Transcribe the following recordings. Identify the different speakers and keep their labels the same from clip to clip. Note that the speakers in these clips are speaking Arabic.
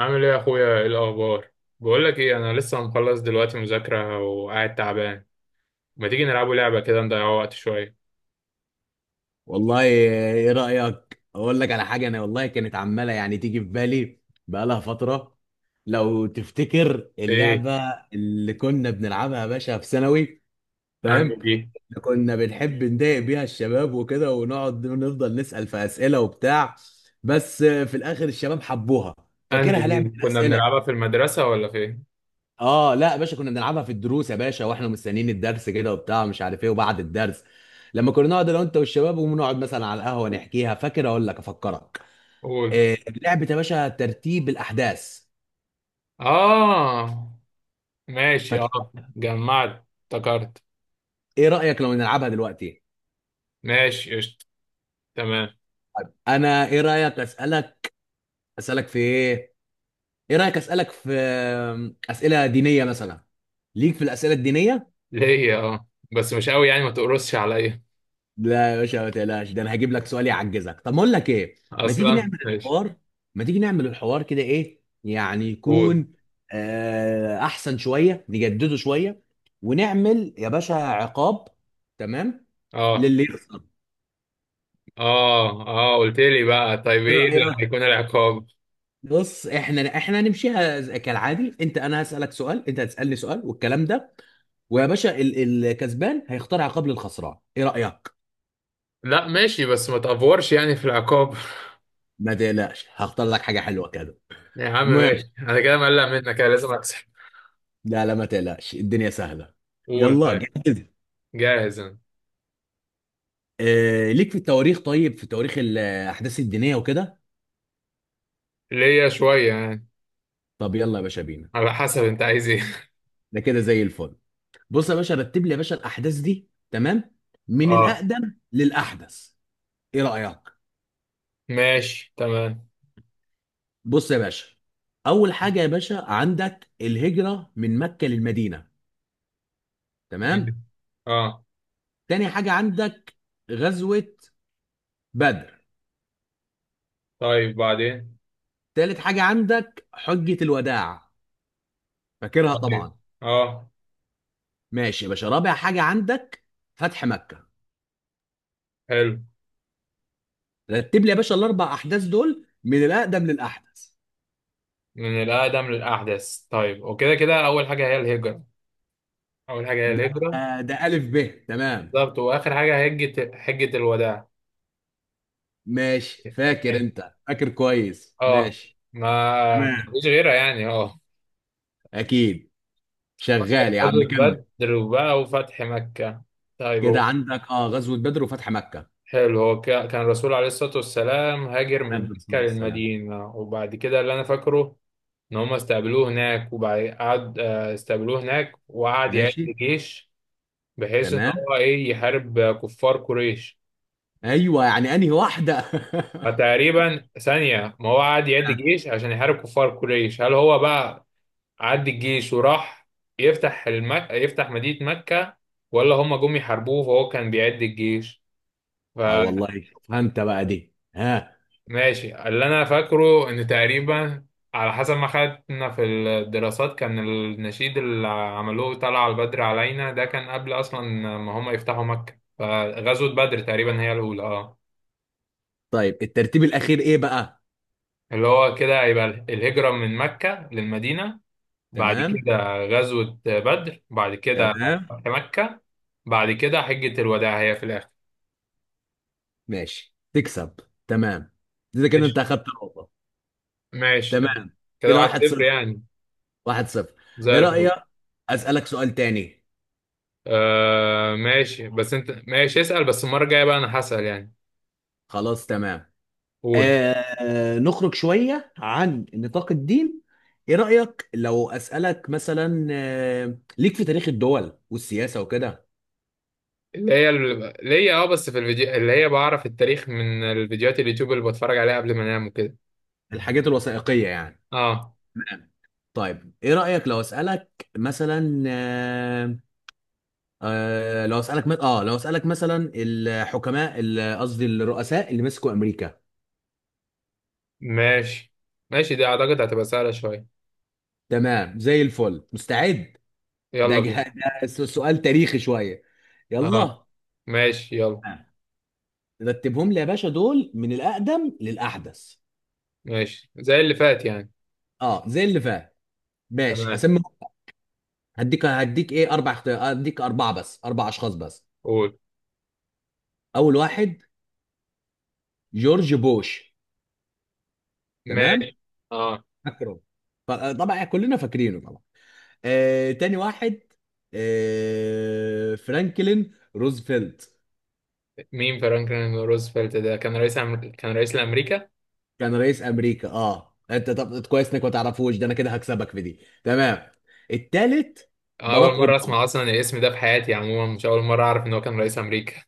Speaker 1: عامل ايه يا اخويا؟ ايه الاخبار؟ بقول لك ايه، انا لسه مخلص دلوقتي مذاكره وقاعد تعبان. ما تيجي نلعبوا لعبه كده نضيع وقت شويه؟
Speaker 2: والله، ايه رأيك؟ اقول لك على حاجة. انا والله كانت عمالة يعني تيجي في بالي بقالها فترة. لو تفتكر
Speaker 1: ايه؟
Speaker 2: اللعبة اللي كنا بنلعبها يا باشا في ثانوي،
Speaker 1: انهي
Speaker 2: فاهم؟
Speaker 1: دي؟
Speaker 2: كنا بنحب نضايق بيها الشباب وكده ونقعد نفضل نسأل في أسئلة وبتاع. بس في الآخر الشباب حبوها.
Speaker 1: انهي
Speaker 2: فاكرها؟
Speaker 1: دي
Speaker 2: لعبة
Speaker 1: كنا
Speaker 2: الأسئلة.
Speaker 1: بنلعبها في المدرسه ولا فين؟
Speaker 2: اه لا يا باشا، كنا بنلعبها في الدروس يا باشا واحنا مستنيين الدرس كده وبتاع مش عارف ايه، وبعد الدرس لما كنا نقعد انا وانت والشباب ونقعد مثلا على القهوه نحكيها. فاكر؟ اقول لك افكرك.
Speaker 1: قول.
Speaker 2: آه، لعبه يا باشا ترتيب الاحداث.
Speaker 1: اه ماشي،
Speaker 2: فاكر؟
Speaker 1: اه جمعت افتكرت.
Speaker 2: ايه رايك لو نلعبها دلوقتي؟
Speaker 1: ماشي قشطه، تمام.
Speaker 2: انا ايه رايك اسالك؟ اسالك في ايه؟ ايه رايك اسالك في اسئله دينيه مثلا؟ ليك في الاسئله الدينيه؟
Speaker 1: ليا اه، بس مش قوي يعني، ما تقرصش عليا.
Speaker 2: لا يا باشا ما تقلقش، ده انا هجيب لك سؤال يعجزك. طب ما اقول لك ايه، ما تيجي
Speaker 1: اصلا
Speaker 2: نعمل
Speaker 1: ماشي.
Speaker 2: الحوار؟ ما تيجي نعمل الحوار كده ايه يعني
Speaker 1: قول.
Speaker 2: يكون؟ احسن شويه، نجدده شويه ونعمل يا باشا عقاب. تمام؟
Speaker 1: اه
Speaker 2: للي يخسر.
Speaker 1: اه. اه قلت لي بقى، طيب
Speaker 2: ايه
Speaker 1: ايه اللي
Speaker 2: رايك؟
Speaker 1: هيكون العقاب؟
Speaker 2: بص، احنا هنمشيها كالعادي. انت انا هسالك سؤال، انت هتسالني سؤال والكلام ده. ويا باشا الكسبان هيختار عقاب للخسران، ايه رايك؟
Speaker 1: لا ماشي، بس ما تأفورش يعني في العقاب.
Speaker 2: ما تقلقش، هختار لك حاجه حلوه كده.
Speaker 1: يا عم
Speaker 2: المهم،
Speaker 1: ماشي، انا كده مقلق منك، انا لازم اكسب.
Speaker 2: لا لا ما تقلقش، الدنيا سهلة.
Speaker 1: قول
Speaker 2: يلا،
Speaker 1: طيب.
Speaker 2: جاهز؟
Speaker 1: جاهز انا.
Speaker 2: آه ليك في التواريخ؟ طيب، في تواريخ الأحداث الدينية وكده.
Speaker 1: ليا شوية يعني.
Speaker 2: طب يلا يا باشا بينا.
Speaker 1: على حسب انت عايز ايه.
Speaker 2: ده كده زي الفل. بص يا باشا، رتب لي يا باشا الأحداث دي، تمام؟ من
Speaker 1: اه
Speaker 2: الأقدم للأحدث. إيه رأيك؟
Speaker 1: ماشي تمام.
Speaker 2: بص يا باشا، أول حاجة يا باشا عندك الهجرة من مكة للمدينة، تمام؟
Speaker 1: اه.
Speaker 2: تاني حاجة عندك غزوة بدر.
Speaker 1: طيب بعدين.
Speaker 2: تالت حاجة عندك حجة الوداع، فاكرها
Speaker 1: طيب.
Speaker 2: طبعا.
Speaker 1: اه.
Speaker 2: ماشي يا باشا، رابع حاجه عندك فتح مكه.
Speaker 1: حلو.
Speaker 2: رتب لي يا باشا الاربع احداث دول من الاقدم للاحدث.
Speaker 1: من الأقدم للأحدث، طيب. وكده كده أول حاجة هي الهجرة. أول حاجة هي
Speaker 2: ده
Speaker 1: الهجرة.
Speaker 2: ده الف ب، تمام؟
Speaker 1: بالظبط، وآخر حاجة هجة حجة الوداع.
Speaker 2: ماشي، فاكر؟
Speaker 1: ماشي.
Speaker 2: انت فاكر كويس،
Speaker 1: اه،
Speaker 2: ماشي.
Speaker 1: ما
Speaker 2: تمام.
Speaker 1: مفيش غيرها يعني، اه.
Speaker 2: اكيد. شغال يا عم،
Speaker 1: غزوة
Speaker 2: كمل.
Speaker 1: بدر وبقى وفتح مكة. طيب
Speaker 2: كده
Speaker 1: هو،
Speaker 2: عندك اه غزوه بدر وفتح مكه.
Speaker 1: حلو. هو كان الرسول عليه الصلاة والسلام هاجر من
Speaker 2: عليه
Speaker 1: مكة
Speaker 2: الصلاه والسلام.
Speaker 1: للمدينة، وبعد كده اللي أنا فاكره إن هم استقبلوه هناك، وبعد قعد استقبلوه هناك وقعد يعد
Speaker 2: ماشي.
Speaker 1: جيش، بحيث إن
Speaker 2: تمام.
Speaker 1: هو إيه يحارب كفار قريش.
Speaker 2: ايوه، يعني انهي واحده؟
Speaker 1: فتقريبا ثانية، ما هو قعد يعد جيش عشان يحارب كفار قريش، هل هو بقى عد الجيش وراح يفتح مدينة مكة، ولا هم جم يحاربوه فهو كان بيعد الجيش؟
Speaker 2: اه والله، شوفها انت بقى دي، ها.
Speaker 1: ماشي، اللي انا فاكره ان تقريبا، على حسب ما خدنا في الدراسات، كان النشيد اللي عملوه طلع البدر علينا ده كان قبل اصلا ما هم يفتحوا مكة، فغزوة بدر تقريبا هي الاولى، اه.
Speaker 2: طيب الترتيب الاخير ايه بقى؟
Speaker 1: اللي هو كده هيبقى الهجرة من مكة للمدينة، بعد
Speaker 2: تمام.
Speaker 1: كده غزوة بدر، بعد كده
Speaker 2: تمام.
Speaker 1: فتح مكة، بعد كده حجة الوداع هي في الاخر.
Speaker 2: ماشي تكسب. تمام. اذا كده انت
Speaker 1: ماشي.
Speaker 2: اخدت نقطة.
Speaker 1: ماشي تمام.
Speaker 2: تمام.
Speaker 1: كده
Speaker 2: كده
Speaker 1: واحد
Speaker 2: واحد
Speaker 1: صفر
Speaker 2: صفر
Speaker 1: يعني.
Speaker 2: 1-0.
Speaker 1: زي
Speaker 2: ايه
Speaker 1: الفل.
Speaker 2: رأيك اسألك سؤال تاني؟
Speaker 1: آه ماشي، بس انت ماشي اسأل، بس المرة الجاية بقى انا هسأل يعني.
Speaker 2: خلاص، تمام.
Speaker 1: قول.
Speaker 2: آه نخرج شوية عن نطاق الدين. ايه رأيك لو اسألك مثلا ليك في تاريخ الدول والسياسة وكده؟
Speaker 1: اللي هي اه، بس في الفيديو، اللي هي بعرف التاريخ من الفيديوهات اليوتيوب اللي بتفرج عليها قبل ما انام وكده.
Speaker 2: الحاجات الوثائقية يعني؟
Speaker 1: اه.
Speaker 2: تمام. طيب ايه رأيك لو اسألك مثلا لو اسالك مثلا الحكماء قصدي الرؤساء اللي مسكوا امريكا؟
Speaker 1: ماشي، ماشي دي اعتقد هتبقى سهلة شوية.
Speaker 2: تمام، زي الفل، مستعد. ده,
Speaker 1: يلا بينا.
Speaker 2: جه... سؤال تاريخي شويه.
Speaker 1: اه
Speaker 2: يلا.
Speaker 1: ماشي يلا.
Speaker 2: رتبهم لي يا باشا دول من الاقدم للاحدث.
Speaker 1: ماشي زي اللي فات يعني.
Speaker 2: اه، زي اللي فات. ماشي
Speaker 1: تمام.
Speaker 2: اسمي. هديك اربعه بس، اربع اشخاص بس.
Speaker 1: قول.
Speaker 2: اول واحد، جورج بوش.
Speaker 1: ماشي.
Speaker 2: تمام.
Speaker 1: اه.
Speaker 2: فاكره؟ طبعا كلنا فاكرينه طبعا. تاني واحد، فرانكلين روزفلت.
Speaker 1: مين فرانكلين روزفلت ده؟ كان كان رئيس لأمريكا.
Speaker 2: كان رئيس امريكا اه. انت طب كويس انك ما تعرفوش، ده انا كده هكسبك في دي. تمام، التالت، باراك
Speaker 1: أول مرة
Speaker 2: اوباما.
Speaker 1: أسمع أصلا الاسم ده في حياتي، عموما مش أول مرة أعرف إن هو كان رئيس أمريكا.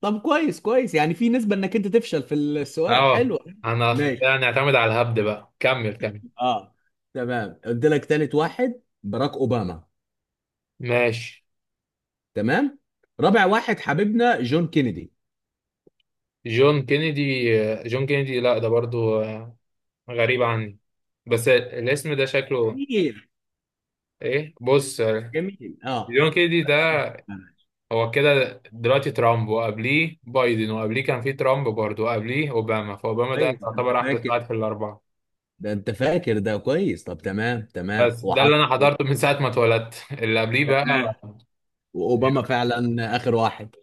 Speaker 2: طب كويس كويس، يعني في نسبة انك انت تفشل في السؤال،
Speaker 1: اه.
Speaker 2: حلو.
Speaker 1: انا
Speaker 2: ماشي.
Speaker 1: كده نعتمد على الهبد بقى، كمل كمل.
Speaker 2: اه. تمام، قلت لك تالت واحد باراك اوباما.
Speaker 1: ماشي.
Speaker 2: تمام. رابع واحد حبيبنا جون كينيدي.
Speaker 1: جون كينيدي. جون كينيدي، لا ده برضو غريب عني. بس الاسم ده شكله
Speaker 2: جميل
Speaker 1: ايه، بص.
Speaker 2: جميل اه.
Speaker 1: جون كينيدي ده، هو كده دلوقتي ترامب، وقبليه بايدن، وقبليه كان في ترامب برضو، وقبليه اوباما. فاوباما ده
Speaker 2: كويس انت
Speaker 1: يعتبر احدث
Speaker 2: فاكر،
Speaker 1: واحد في الاربعه.
Speaker 2: ده انت فاكر ده كويس. طب تمام تمام،
Speaker 1: بس ده اللي
Speaker 2: وحط.
Speaker 1: انا حضرته من ساعه ما اتولدت، اللي قبليه بقى.
Speaker 2: تمام، واوباما فعلا اخر واحد،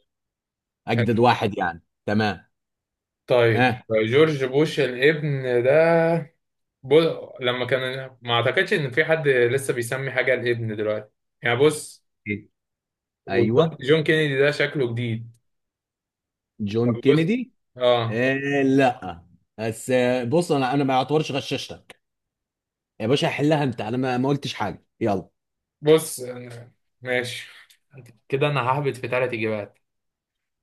Speaker 2: اجدد واحد يعني. تمام.
Speaker 1: طيب.
Speaker 2: ها.
Speaker 1: جورج بوش الابن ده، بص، لما كان، ما اعتقدش ان في حد لسه بيسمي حاجه الابن دلوقتي يعني، بص.
Speaker 2: إيه؟
Speaker 1: وجون
Speaker 2: ايوه،
Speaker 1: جون كينيدي ده شكله جديد. طب
Speaker 2: جون
Speaker 1: بص.
Speaker 2: كينيدي.
Speaker 1: اه.
Speaker 2: آه. لا بس بص، انا ما اعتبرش غششتك يا باشا، حلها انت. انا ما قلتش حاجه، يلا.
Speaker 1: بص. ماشي، كده انا ههبط في ثلاث اجابات.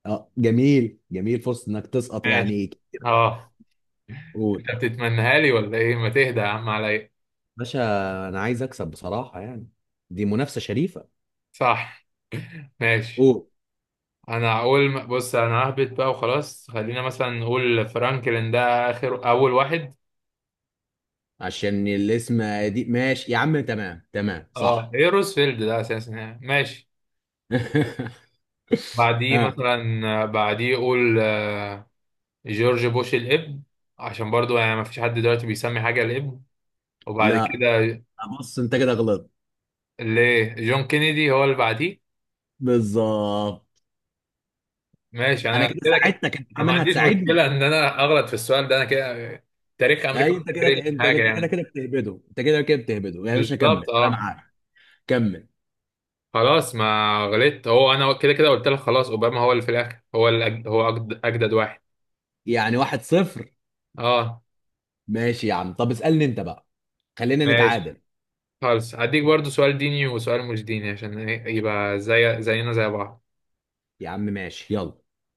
Speaker 2: اه جميل جميل، فرصه انك تسقط
Speaker 1: ماشي
Speaker 2: يعني كتير.
Speaker 1: اه.
Speaker 2: قول.
Speaker 1: انت بتتمنها لي ولا ايه؟ ما تهدى يا عم عليا.
Speaker 2: باشا، انا عايز اكسب بصراحه يعني، دي منافسه شريفه.
Speaker 1: صح. ماشي.
Speaker 2: قول.
Speaker 1: انا اقول، بص، انا ههبط بقى وخلاص. خلينا مثلا نقول فرانكلين ده اول واحد،
Speaker 2: عشان الاسم دي، ماشي يا عم، تمام تمام
Speaker 1: اه،
Speaker 2: صح.
Speaker 1: ايه روزفلد ده اساسا يعني. ماشي. بعديه
Speaker 2: اه.
Speaker 1: مثلا بعديه يقول جورج بوش الابن، عشان برضو يعني ما فيش حد دلوقتي بيسمي حاجة الابن. وبعد
Speaker 2: لا
Speaker 1: كده،
Speaker 2: بص، انت كده غلط.
Speaker 1: ليه جون كينيدي هو اللي بعديه.
Speaker 2: بالظبط.
Speaker 1: ماشي،
Speaker 2: انا
Speaker 1: انا
Speaker 2: كده
Speaker 1: كده كده.
Speaker 2: ساعدتك، انت
Speaker 1: انا ما
Speaker 2: كمان
Speaker 1: عنديش مشكلة
Speaker 2: هتساعدني.
Speaker 1: ان انا اغلط في السؤال ده، انا كده تاريخ امريكا
Speaker 2: اي
Speaker 1: مش
Speaker 2: انت
Speaker 1: فاكر
Speaker 2: كده، انت
Speaker 1: لي حاجة
Speaker 2: انت كده
Speaker 1: يعني.
Speaker 2: كده بتهبده. انت كده كده بتهبده يا باشا،
Speaker 1: بالظبط،
Speaker 2: كمل انا
Speaker 1: اه.
Speaker 2: معاك. كمل.
Speaker 1: خلاص ما غلطت. هو انا كده كده قلت لك خلاص، اوباما هو اللي في الاخر، هو اللي اجدد واحد.
Speaker 2: يعني 1-0.
Speaker 1: اه.
Speaker 2: ماشي يا عم، طب اسألني انت بقى، خلينا
Speaker 1: ماشي
Speaker 2: نتعادل.
Speaker 1: خالص، هديك برضو سؤال ديني وسؤال مش ديني، عشان يبقى زي زينا زي بعض.
Speaker 2: يا عم ماشي، يلا.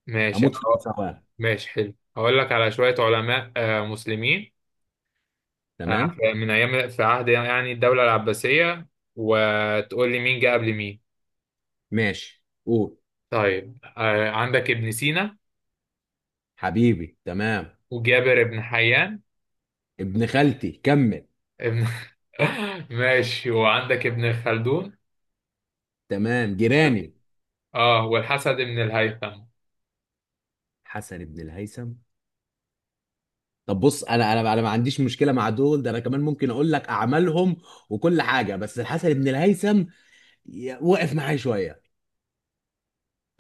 Speaker 1: ماشي
Speaker 2: اموت في المساواة.
Speaker 1: ماشي حلو. هقول لك على شوية علماء مسلمين.
Speaker 2: تمام.
Speaker 1: من أيام، في عهد يعني الدولة العباسية، وتقول لي مين جه قبل مين.
Speaker 2: ماشي. قول.
Speaker 1: طيب، عندك ابن سينا،
Speaker 2: حبيبي، تمام.
Speaker 1: وجابر ابن حيان،
Speaker 2: ابن خالتي، كمل.
Speaker 1: ابن ماشي، وعندك ابن خلدون،
Speaker 2: تمام، جيراني.
Speaker 1: اه، والحسن ابن الهيثم.
Speaker 2: حسن ابن الهيثم. طب بص، انا ما عنديش مشكله مع دول، ده انا كمان ممكن اقول لك اعمالهم وكل حاجه، بس الحسن بن الهيثم وقف معايا شويه.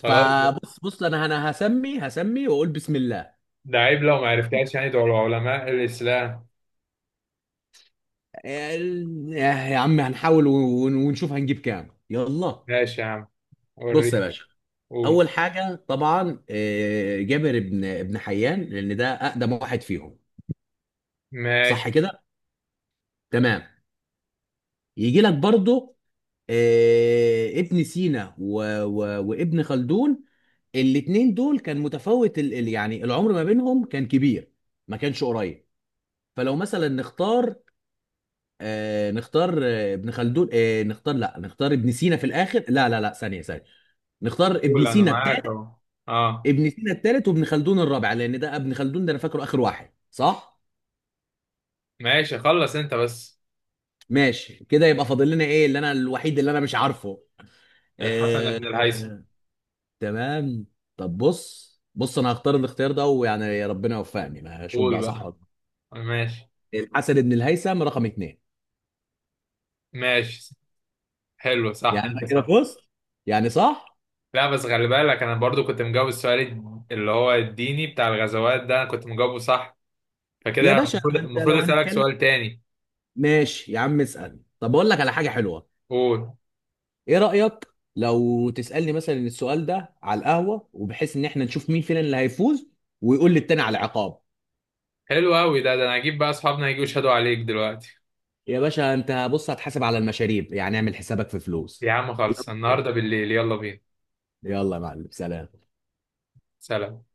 Speaker 1: خلاص.
Speaker 2: فبص، بص انا انا هسمي واقول بسم الله.
Speaker 1: ده عيب لو ما عرفتهاش يعني، دول علماء الإسلام.
Speaker 2: يا عم هنحاول ونشوف هنجيب كام، يلا.
Speaker 1: ماشي يا عم،
Speaker 2: بص يا
Speaker 1: وريني.
Speaker 2: باشا،
Speaker 1: قول.
Speaker 2: اول حاجه طبعا جابر ابن حيان، لان ده اقدم واحد فيهم.
Speaker 1: ماشي.
Speaker 2: صح كده؟ تمام. يجي لك برضه ابن سينا و... و... وابن خلدون. الاتنين دول كان متفاوت يعني العمر ما بينهم كان كبير، ما كانش قريب. فلو مثلا نختار ابن خلدون، آه نختار لا نختار ابن سينا في الاخر. لا لا لا، ثانية ثانية، نختار ابن
Speaker 1: قول، انا
Speaker 2: سينا
Speaker 1: معاك
Speaker 2: الثالث.
Speaker 1: اهو. اه.
Speaker 2: ابن سينا الثالث، وابن خلدون الرابع، لان ده ابن خلدون ده انا فاكره اخر واحد، صح؟
Speaker 1: ماشي خلص انت بس.
Speaker 2: ماشي كده. يبقى فاضل لنا ايه اللي انا الوحيد اللي انا مش عارفه؟
Speaker 1: الحسن
Speaker 2: آه.
Speaker 1: بن الهيثم.
Speaker 2: تمام. طب بص انا هختار الاختيار ده، ويعني يا ربنا يوفقني، ما هشوف
Speaker 1: قول
Speaker 2: بقى صح ولا
Speaker 1: بقى.
Speaker 2: غلط.
Speaker 1: ماشي.
Speaker 2: الحسن بن الهيثم رقم 2.
Speaker 1: ماشي حلو، صح،
Speaker 2: يعني
Speaker 1: انت
Speaker 2: انا كده
Speaker 1: صح.
Speaker 2: فزت، يعني صح.
Speaker 1: لا بس خلي بالك، انا برضو كنت مجاوب السؤال اللي هو الديني بتاع الغزوات ده، انا كنت مجاوبه صح.
Speaker 2: يا
Speaker 1: فكده
Speaker 2: باشا
Speaker 1: المفروض
Speaker 2: ما انت لو
Speaker 1: اسالك
Speaker 2: هنتكلم.
Speaker 1: سؤال تاني.
Speaker 2: ماشي يا عم، اسال. طب اقول لك على حاجه حلوه.
Speaker 1: قول.
Speaker 2: ايه رايك لو تسالني مثلا السؤال ده على القهوه، وبحيث ان احنا نشوف مين فينا اللي هيفوز ويقول للتاني على عقاب؟
Speaker 1: حلو قوي ده، انا هجيب بقى اصحابنا يجوا يشهدوا عليك دلوقتي.
Speaker 2: يا باشا انت بص، هتحاسب على المشاريب يعني، اعمل حسابك في
Speaker 1: يا
Speaker 2: فلوس.
Speaker 1: عم
Speaker 2: يلا.
Speaker 1: خلص، النهارده بالليل، يلا بينا.
Speaker 2: يلا يا معلم، سلام.
Speaker 1: سلام.